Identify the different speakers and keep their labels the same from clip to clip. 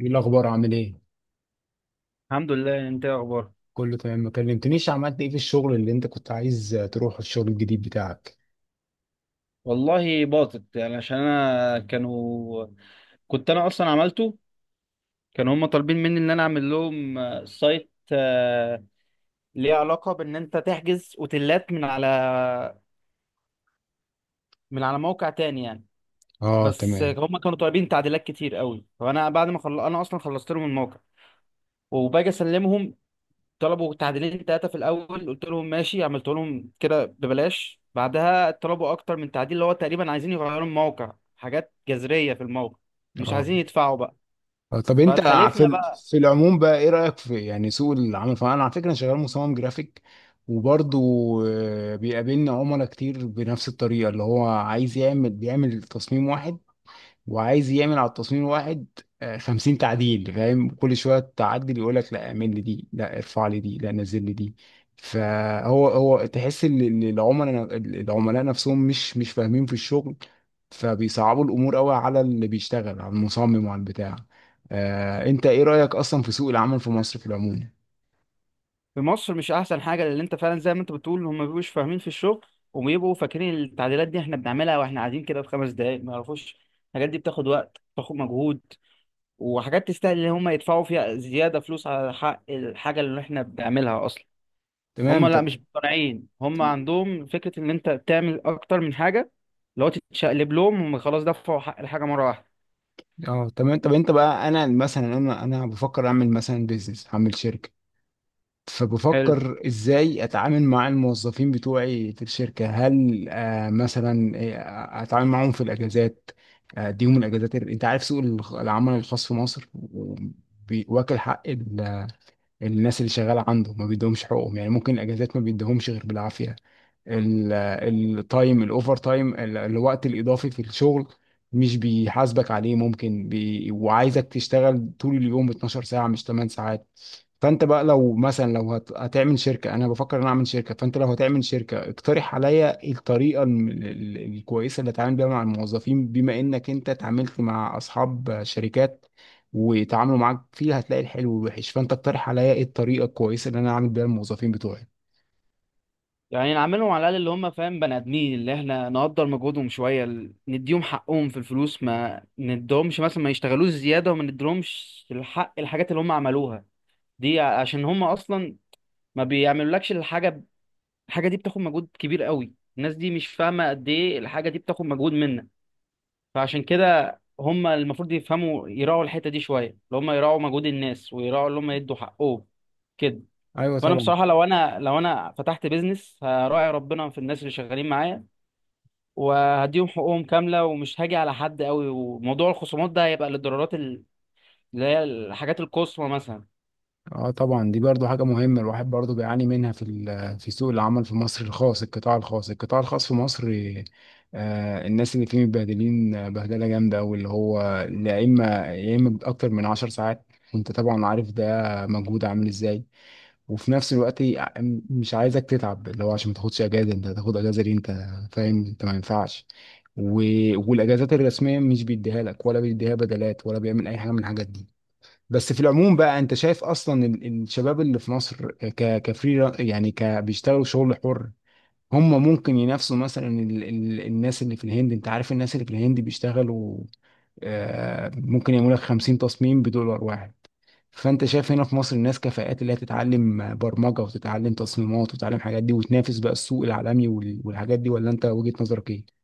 Speaker 1: ايه الاخبار؟ عامل ايه؟
Speaker 2: الحمد لله. انت ايه اخبارك؟
Speaker 1: كله تمام. ما كلمتنيش. عملت ايه في الشغل اللي انت كنت عايز تروح، الشغل الجديد بتاعك؟
Speaker 2: والله باطت يعني عشان انا كنت انا اصلا عملته. كانوا هم طالبين مني ان انا اعمل لهم سايت ليه علاقة بان انت تحجز اوتيلات من على موقع تاني يعني.
Speaker 1: اه
Speaker 2: بس
Speaker 1: تمام.
Speaker 2: هم كانوا طالبين تعديلات كتير قوي فانا بعد ما انا اصلا خلصت لهم الموقع وباجي اسلمهم. طلبوا تعديلين ثلاثة في الأول قلت لهم ماشي، عملت لهم كده ببلاش. بعدها طلبوا أكتر من تعديل اللي هو تقريبا عايزين يغيروا الموقع، حاجات جذرية في الموقع. مش
Speaker 1: اه.
Speaker 2: عايزين يدفعوا بقى.
Speaker 1: طب انت، في
Speaker 2: فاتخلفنا
Speaker 1: ال-
Speaker 2: بقى.
Speaker 1: في العموم بقى ايه رايك في يعني سوق العمل؟ فانا على فكره أنا شغال مصمم جرافيك. وبرضه بيقابلنا عملاء كتير بنفس الطريقه، اللي هو عايز يعمل بيعمل تصميم واحد وعايز يعمل على التصميم الواحد 50 تعديل. فاهم؟ كل شويه تعدل يقول لك: لا اعمل لي دي، لا ارفع لي دي، لا نزل لي دي. فهو تحس إن العملاء نفسهم مش فاهمين في الشغل، فبيصعبوا الامور قوي على اللي بيشتغل، على المصمم وعلى البتاع. انت ايه رايك اصلا في سوق العمل في مصر في العموم؟
Speaker 2: في مصر مش أحسن حاجة، لأن أنت فعلا زي ما أنت بتقول هم مبيبقوش فاهمين في الشغل. وبيبقوا فاكرين التعديلات دي إحنا بنعملها وإحنا قاعدين كده في 5 دقايق، ما يعرفوش الحاجات دي بتاخد وقت، بتاخد مجهود، وحاجات تستاهل إن هم يدفعوا فيها زيادة فلوس على حق الحاجة اللي إحنا بنعملها أصلا. هم
Speaker 1: تمام.
Speaker 2: لا
Speaker 1: طب.
Speaker 2: مش مقتنعين، هم
Speaker 1: طب-
Speaker 2: عندهم فكرة ان انت تعمل اكتر من حاجة لو تتشقلب لهم هم خلاص دفعوا حق الحاجة مرة واحدة.
Speaker 1: اه تمام. طب انت بقى، انا مثلا، انا بفكر اعمل مثلا بيزنس، هعمل شركه.
Speaker 2: حلو،
Speaker 1: فبفكر ازاي اتعامل مع الموظفين بتوعي في الشركة. هل مثلا اتعامل معاهم في الاجازات؟ اديهم الاجازات؟ انت عارف سوق العمل الخاص في مصر، واكل حق الناس اللي شغالة عنده ما بيدهمش حقوقهم. يعني ممكن الاجازات ما بيدهمش غير بالعافية. ال- التايم، الاوفر تايم، الوقت الاضافي في الشغل مش بيحاسبك عليه. ممكن وعايزك تشتغل طول اليوم 12 ساعة مش 8 ساعات. فانت بقى لو مثلا، هتعمل شركة، انا بفكر ان أنا اعمل شركة. فانت لو هتعمل شركة اقترح عليا الطريقة الكويسة اللي اتعامل بيها مع الموظفين، بما انك انت اتعاملت مع اصحاب شركات ويتعاملوا معاك فيها، هتلاقي الحلو والوحش. فانت اقترح عليا ايه الطريقة الكويسة اللي انا اعمل بيها الموظفين بتوعي؟
Speaker 2: يعني نعاملهم على الاقل اللي هم فاهم بني ادمين، اللي احنا نقدر مجهودهم شوية نديهم حقهم في الفلوس، ما ندهمش مثلا ما يشتغلوش زيادة، وما ندهمش الحق الحاجات اللي هم عملوها دي عشان هم اصلا ما بيعملولكش الحاجة. الحاجة دي بتاخد مجهود كبير قوي، الناس دي مش فاهمة قد ايه الحاجة دي بتاخد مجهود منك. فعشان كده هم المفروض يفهموا، يراعوا الحتة دي شوية، اللي هم يراعوا مجهود الناس ويراعوا اللي هم يدوا حقهم كده.
Speaker 1: ايوه
Speaker 2: فأنا
Speaker 1: طبعا.
Speaker 2: بصراحة لو أنا فتحت بيزنس هراعي ربنا في الناس اللي شغالين معايا، وهديهم حقوقهم كاملة ومش هاجي على حد قوي، وموضوع الخصومات ده هيبقى للضرورات اللي هي الحاجات القصوى مثلا.
Speaker 1: اه طبعا، دي برضو حاجة مهمة الواحد برضو بيعاني منها في سوق العمل في مصر الخاص، القطاع الخاص، القطاع الخاص في مصر. الناس اللي فيه متبهدلين، بهدلة جامدة أوي، اللي هو يا إما أكتر من 10 ساعات. وأنت طبعا عارف ده مجهود عامل إزاي. وفي نفس الوقت مش عايزك تتعب، اللي هو عشان ما تاخدش أجازة. أنت هتاخد أجازة ليه؟ أنت فاهم؟ أنت ما ينفعش. و... والأجازات الرسمية مش بيديها لك ولا بيديها بدلات ولا بيعمل أي حاجة من الحاجات دي. بس في العموم بقى انت شايف اصلا الشباب اللي في مصر كفري، يعني بيشتغلوا شغل حر، هم ممكن ينافسوا مثلا ال ال الناس اللي في الهند؟ انت عارف الناس اللي في الهند بيشتغلوا، ممكن يعملوا لك 50 تصميم بدولار واحد. فانت شايف هنا في مصر الناس كفاءات اللي هي تتعلم برمجة وتتعلم تصميمات وتتعلم حاجات دي وتنافس بقى السوق العالمي والحاجات دي، ولا انت وجهة نظرك ايه؟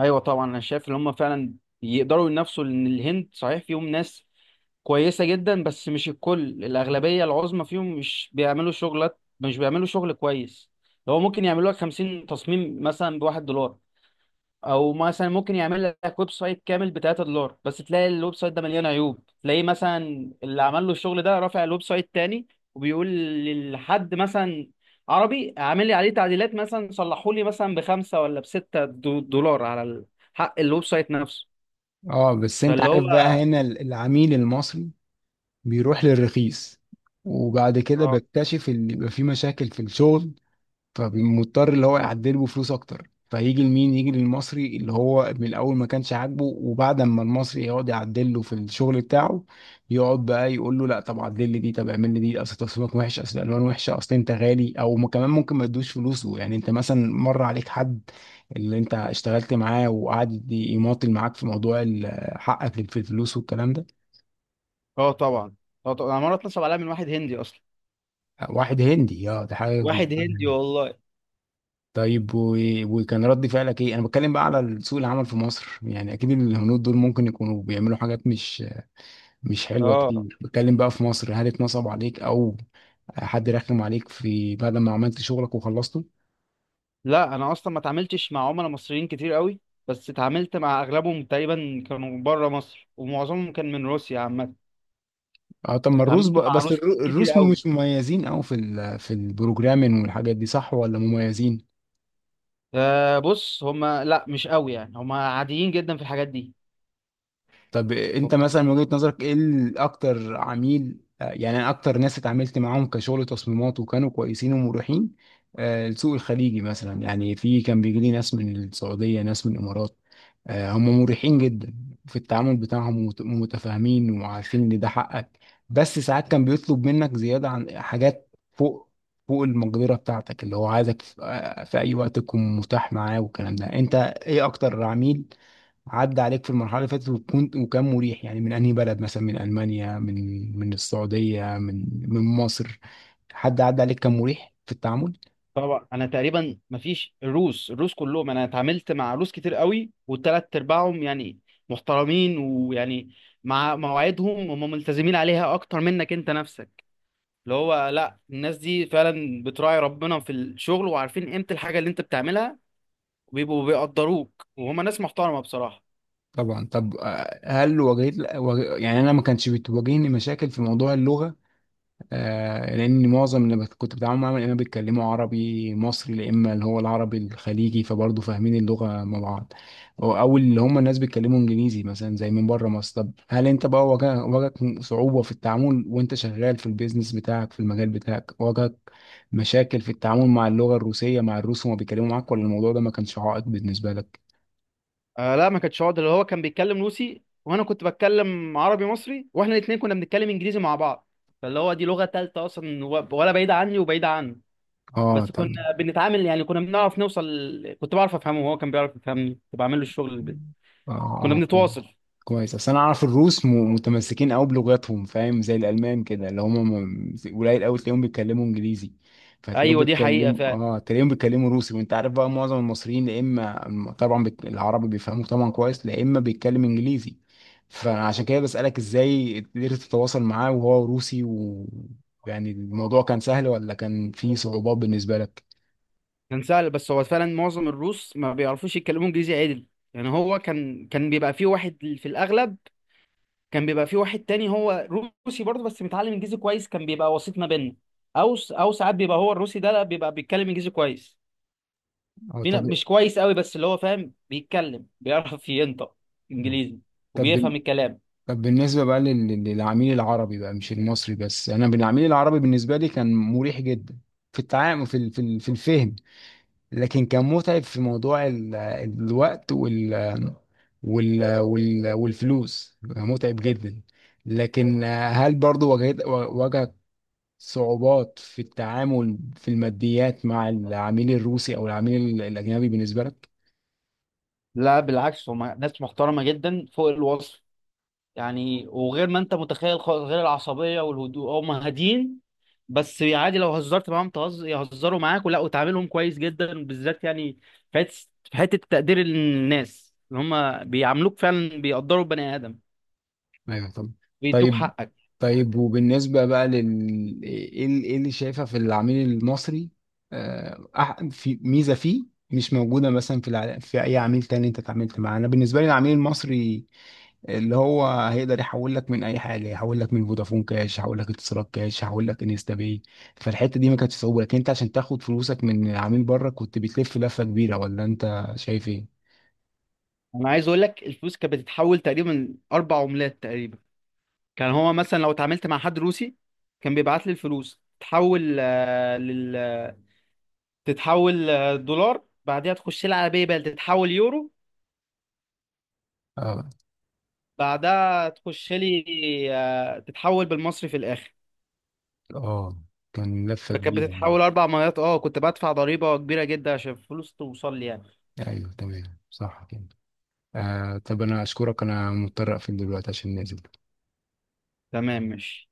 Speaker 2: ايوه طبعا، انا شايف ان هم فعلا يقدروا ينافسوا، لان الهند صحيح فيهم ناس كويسه جدا بس مش الكل، الاغلبيه العظمى فيهم مش بيعملوا شغلات، مش بيعملوا شغل كويس. هو ممكن يعملوا لك 50 تصميم مثلا ب1 دولار، او مثلا ممكن يعمل لك ويب سايت كامل ب 3 دولار، بس تلاقي الويب سايت ده مليان عيوب. تلاقيه مثلا اللي عمل له الشغل ده رافع الويب سايت تاني وبيقول لحد مثلا عربي عامل لي عليه تعديلات مثلا صلحوا لي مثلا ب5 ولا ب6 دولار على حق الويب سايت نفسه.
Speaker 1: اه. بس انت
Speaker 2: فاللي هو
Speaker 1: عارف بقى هنا العميل المصري بيروح للرخيص، وبعد كده
Speaker 2: اه،
Speaker 1: بكتشف ان يبقى في مشاكل في الشغل، فمضطر اللي هو يعدله بفلوس اكتر. فيجي لمين؟ يجي للمصري اللي هو من الاول ما كانش عاجبه. وبعد ما المصري يقعد يعدل له في الشغل بتاعه، يقعد بقى يقول له: لا طب عدل لي دي، طب اعمل لي دي، اصل تصميمك وحش، اصل الالوان وحشه، اصل انت غالي. او كمان ممكن ما يدوش فلوسه. يعني انت مثلا مر عليك حد اللي انت اشتغلت معاه وقعد يماطل معاك في موضوع حقك في الفلوس والكلام ده.
Speaker 2: اه طبعا. اه طبعا، انا مره اتنصب عليا من واحد هندي اصلا.
Speaker 1: واحد هندي؟ اه ده حاجه.
Speaker 2: واحد هندي والله.
Speaker 1: طيب وكان رد فعلك ايه؟ انا بتكلم بقى على سوق العمل في مصر، يعني اكيد الهنود دول ممكن يكونوا بيعملوا حاجات مش حلوه
Speaker 2: اه،
Speaker 1: كتير، بتكلم بقى في مصر، هل اتنصب عليك، او حد رخم عليك في بعد ما عملت شغلك وخلصته؟
Speaker 2: لا انا اصلا ما اتعاملتش مع عملاء مصريين كتير قوي. بس اتعاملت مع اغلبهم تقريبا كانوا بره مصر، ومعظمهم كان من روسيا عامه.
Speaker 1: اه. طب ما الروس
Speaker 2: اتعاملت
Speaker 1: بقى،
Speaker 2: مع
Speaker 1: بس
Speaker 2: روس كتير
Speaker 1: الروس
Speaker 2: قوي،
Speaker 1: مش مميزين قوي في البروجرامين والحاجات دي، صح ولا مميزين؟
Speaker 2: فبص هما لا مش قوي يعني، هما عاديين جدا في الحاجات دي.
Speaker 1: طب انت
Speaker 2: هما
Speaker 1: مثلا من وجهة نظرك ايه اكتر عميل، يعني أنا اكتر ناس اتعاملت معاهم كشغل تصميمات وكانوا كويسين ومريحين، السوق الخليجي مثلا، يعني في كان بيجي لي ناس من السعودية، ناس من الامارات. هم مريحين جدا في التعامل بتاعهم ومتفاهمين وعارفين ان ده حقك. بس ساعات كان بيطلب منك زيادة عن حاجات فوق، فوق المقدرة بتاعتك، اللي هو عايزك في اي وقت تكون متاح معاه والكلام ده. انت ايه اكتر عميل عدى عليك في المرحلة اللي فاتت وكان مريح، يعني من أنهي بلد؟ مثلا من ألمانيا، من السعودية، من مصر؟ حد عدى عليك كان مريح في التعامل؟
Speaker 2: طبعا، انا تقريبا ما فيش الروس كلهم، انا اتعاملت مع روس كتير قوي والتلات ارباعهم يعني محترمين ويعني مع مواعيدهم هم ملتزمين عليها اكتر منك انت نفسك. اللي هو لا، الناس دي فعلا بتراعي ربنا في الشغل، وعارفين قيمة الحاجة اللي انت بتعملها، وبيبقوا بيقدروك، وهما ناس محترمة بصراحة.
Speaker 1: طبعا. طب هل يعني أنا ما كانش بتواجهني مشاكل في موضوع اللغة، لان معظم اللي كنت بتعامل معاهم يا اما بيتكلموا عربي مصري، يا اما اللي هو العربي الخليجي، فبرضه فاهمين اللغه مع بعض. أو اللي هم الناس بيتكلموا انجليزي مثلا زي من بره مصر. طب هل انت بقى واجهك صعوبه في التعامل وانت شغال في البيزنس بتاعك، في المجال بتاعك؟ واجهك مشاكل في التعامل مع اللغه الروسيه مع الروس وما بيتكلموا معاك، ولا الموضوع ده ما كانش عائق بالنسبه لك؟
Speaker 2: آه لا، ما كانتش عقدة. اللي هو كان بيتكلم روسي وانا كنت بتكلم عربي مصري، واحنا الاتنين كنا بنتكلم انجليزي مع بعض. فاللي هو دي لغة تالتة اصلا ولا بعيدة عني وبعيدة عنه.
Speaker 1: اه.
Speaker 2: بس
Speaker 1: طب.
Speaker 2: كنا بنتعامل يعني، كنا بنعرف نوصل. كنت بعرف افهمه وهو كان بيعرف يفهمني، كنت بعمل له الشغل كنا
Speaker 1: اه. اه.
Speaker 2: بنتواصل.
Speaker 1: كويس، اصل انا اعرف الروس متمسكين قوي بلغتهم. فاهم؟ زي الالمان كده، اللي هم قليل قوي تلاقيهم بيتكلموا انجليزي. فتلاقيهم
Speaker 2: ايوه دي حقيقة
Speaker 1: بيتكلموا
Speaker 2: فعلا.
Speaker 1: اه تلاقيهم بيتكلموا روسي. وانت عارف بقى معظم المصريين يا اما طبعا العربي بيفهموا طبعا كويس، يا اما بيتكلم انجليزي. فعشان كده بسألك، ازاي قدرت تتواصل معاه وهو روسي؟ يعني الموضوع كان سهل ولا كان فيه صعوبات بالنسبة لك؟
Speaker 2: كان سهل، بس هو فعلا معظم الروس ما بيعرفوش يتكلموا انجليزي عدل. يعني هو كان بيبقى فيه واحد في الاغلب كان بيبقى فيه واحد تاني هو روسي برضه بس متعلم انجليزي كويس، كان بيبقى وسيط ما بيننا. او ساعات بيبقى هو الروسي ده لا، بيبقى بيتكلم انجليزي كويس.
Speaker 1: اه
Speaker 2: فينا مش كويس قوي، بس اللي هو فاهم بيتكلم، بيعرف ينطق انجليزي
Speaker 1: طب
Speaker 2: وبيفهم الكلام.
Speaker 1: طب بالنسبة بقى للعميل العربي بقى مش المصري بس. أنا بالعميل العربي بالنسبة لي كان مريح جدا في التعامل، في الفهم. لكن كان متعب في موضوع الوقت والفلوس، متعب جدا. لكن هل برضو واجهت صعوبات في التعامل في الماديات مع العميل الروسي أو العميل الأجنبي بالنسبة لك؟
Speaker 2: لا بالعكس، هم ناس محترمة جدا فوق الوصف، يعني وغير ما انت متخيل خالص. غير العصبيه، والهدوء هم هاديين. بس عادي لو هزرت معاهم يهزروا معاك، ولا وتعاملهم كويس جدا بالذات، يعني في حته في حتة تقدير الناس ان هم بيعاملوك فعلا، بيقدروا البني ادم،
Speaker 1: ايوه طب.
Speaker 2: بيدوك
Speaker 1: طيب.
Speaker 2: حقك.
Speaker 1: طيب، وبالنسبه بقى إيه اللي شايفه في العميل المصري؟ في ميزه فيه مش موجوده مثلا في اي عميل تاني انت اتعاملت معاه. انا بالنسبه لي العميل المصري اللي هو هيقدر يحول لك من اي حاجه، يحول لك من فودافون كاش، يحول لك اتصالات كاش، يحول لك انستا باي. فالحته دي ما كانتش صعوبه، لكن انت عشان تاخد فلوسك من عميل بره كنت بتلف لفه كبيره، ولا انت شايف ايه؟
Speaker 2: انا عايز اقول لك الفلوس كانت بتتحول تقريبا 4 عملات تقريبا. كان هو مثلا لو اتعاملت مع حد روسي، كان بيبعت لي الفلوس تتحول آه، لل تتحول آه، دولار. بعدها تخش لها على باي بال، تتحول يورو.
Speaker 1: اه.
Speaker 2: بعدها تخش لي تتحول بالمصري في الاخر.
Speaker 1: اه. كان لفه
Speaker 2: فكانت
Speaker 1: كبيره يعني.
Speaker 2: بتتحول 4 مرات. اه كنت بدفع ضريبه كبيره جدا عشان الفلوس توصل لي يعني.
Speaker 1: ايوه تمام صح كده. طب انا اشكرك، انا مضطر اقفل دلوقتي عشان نازل.
Speaker 2: تمام ماشي.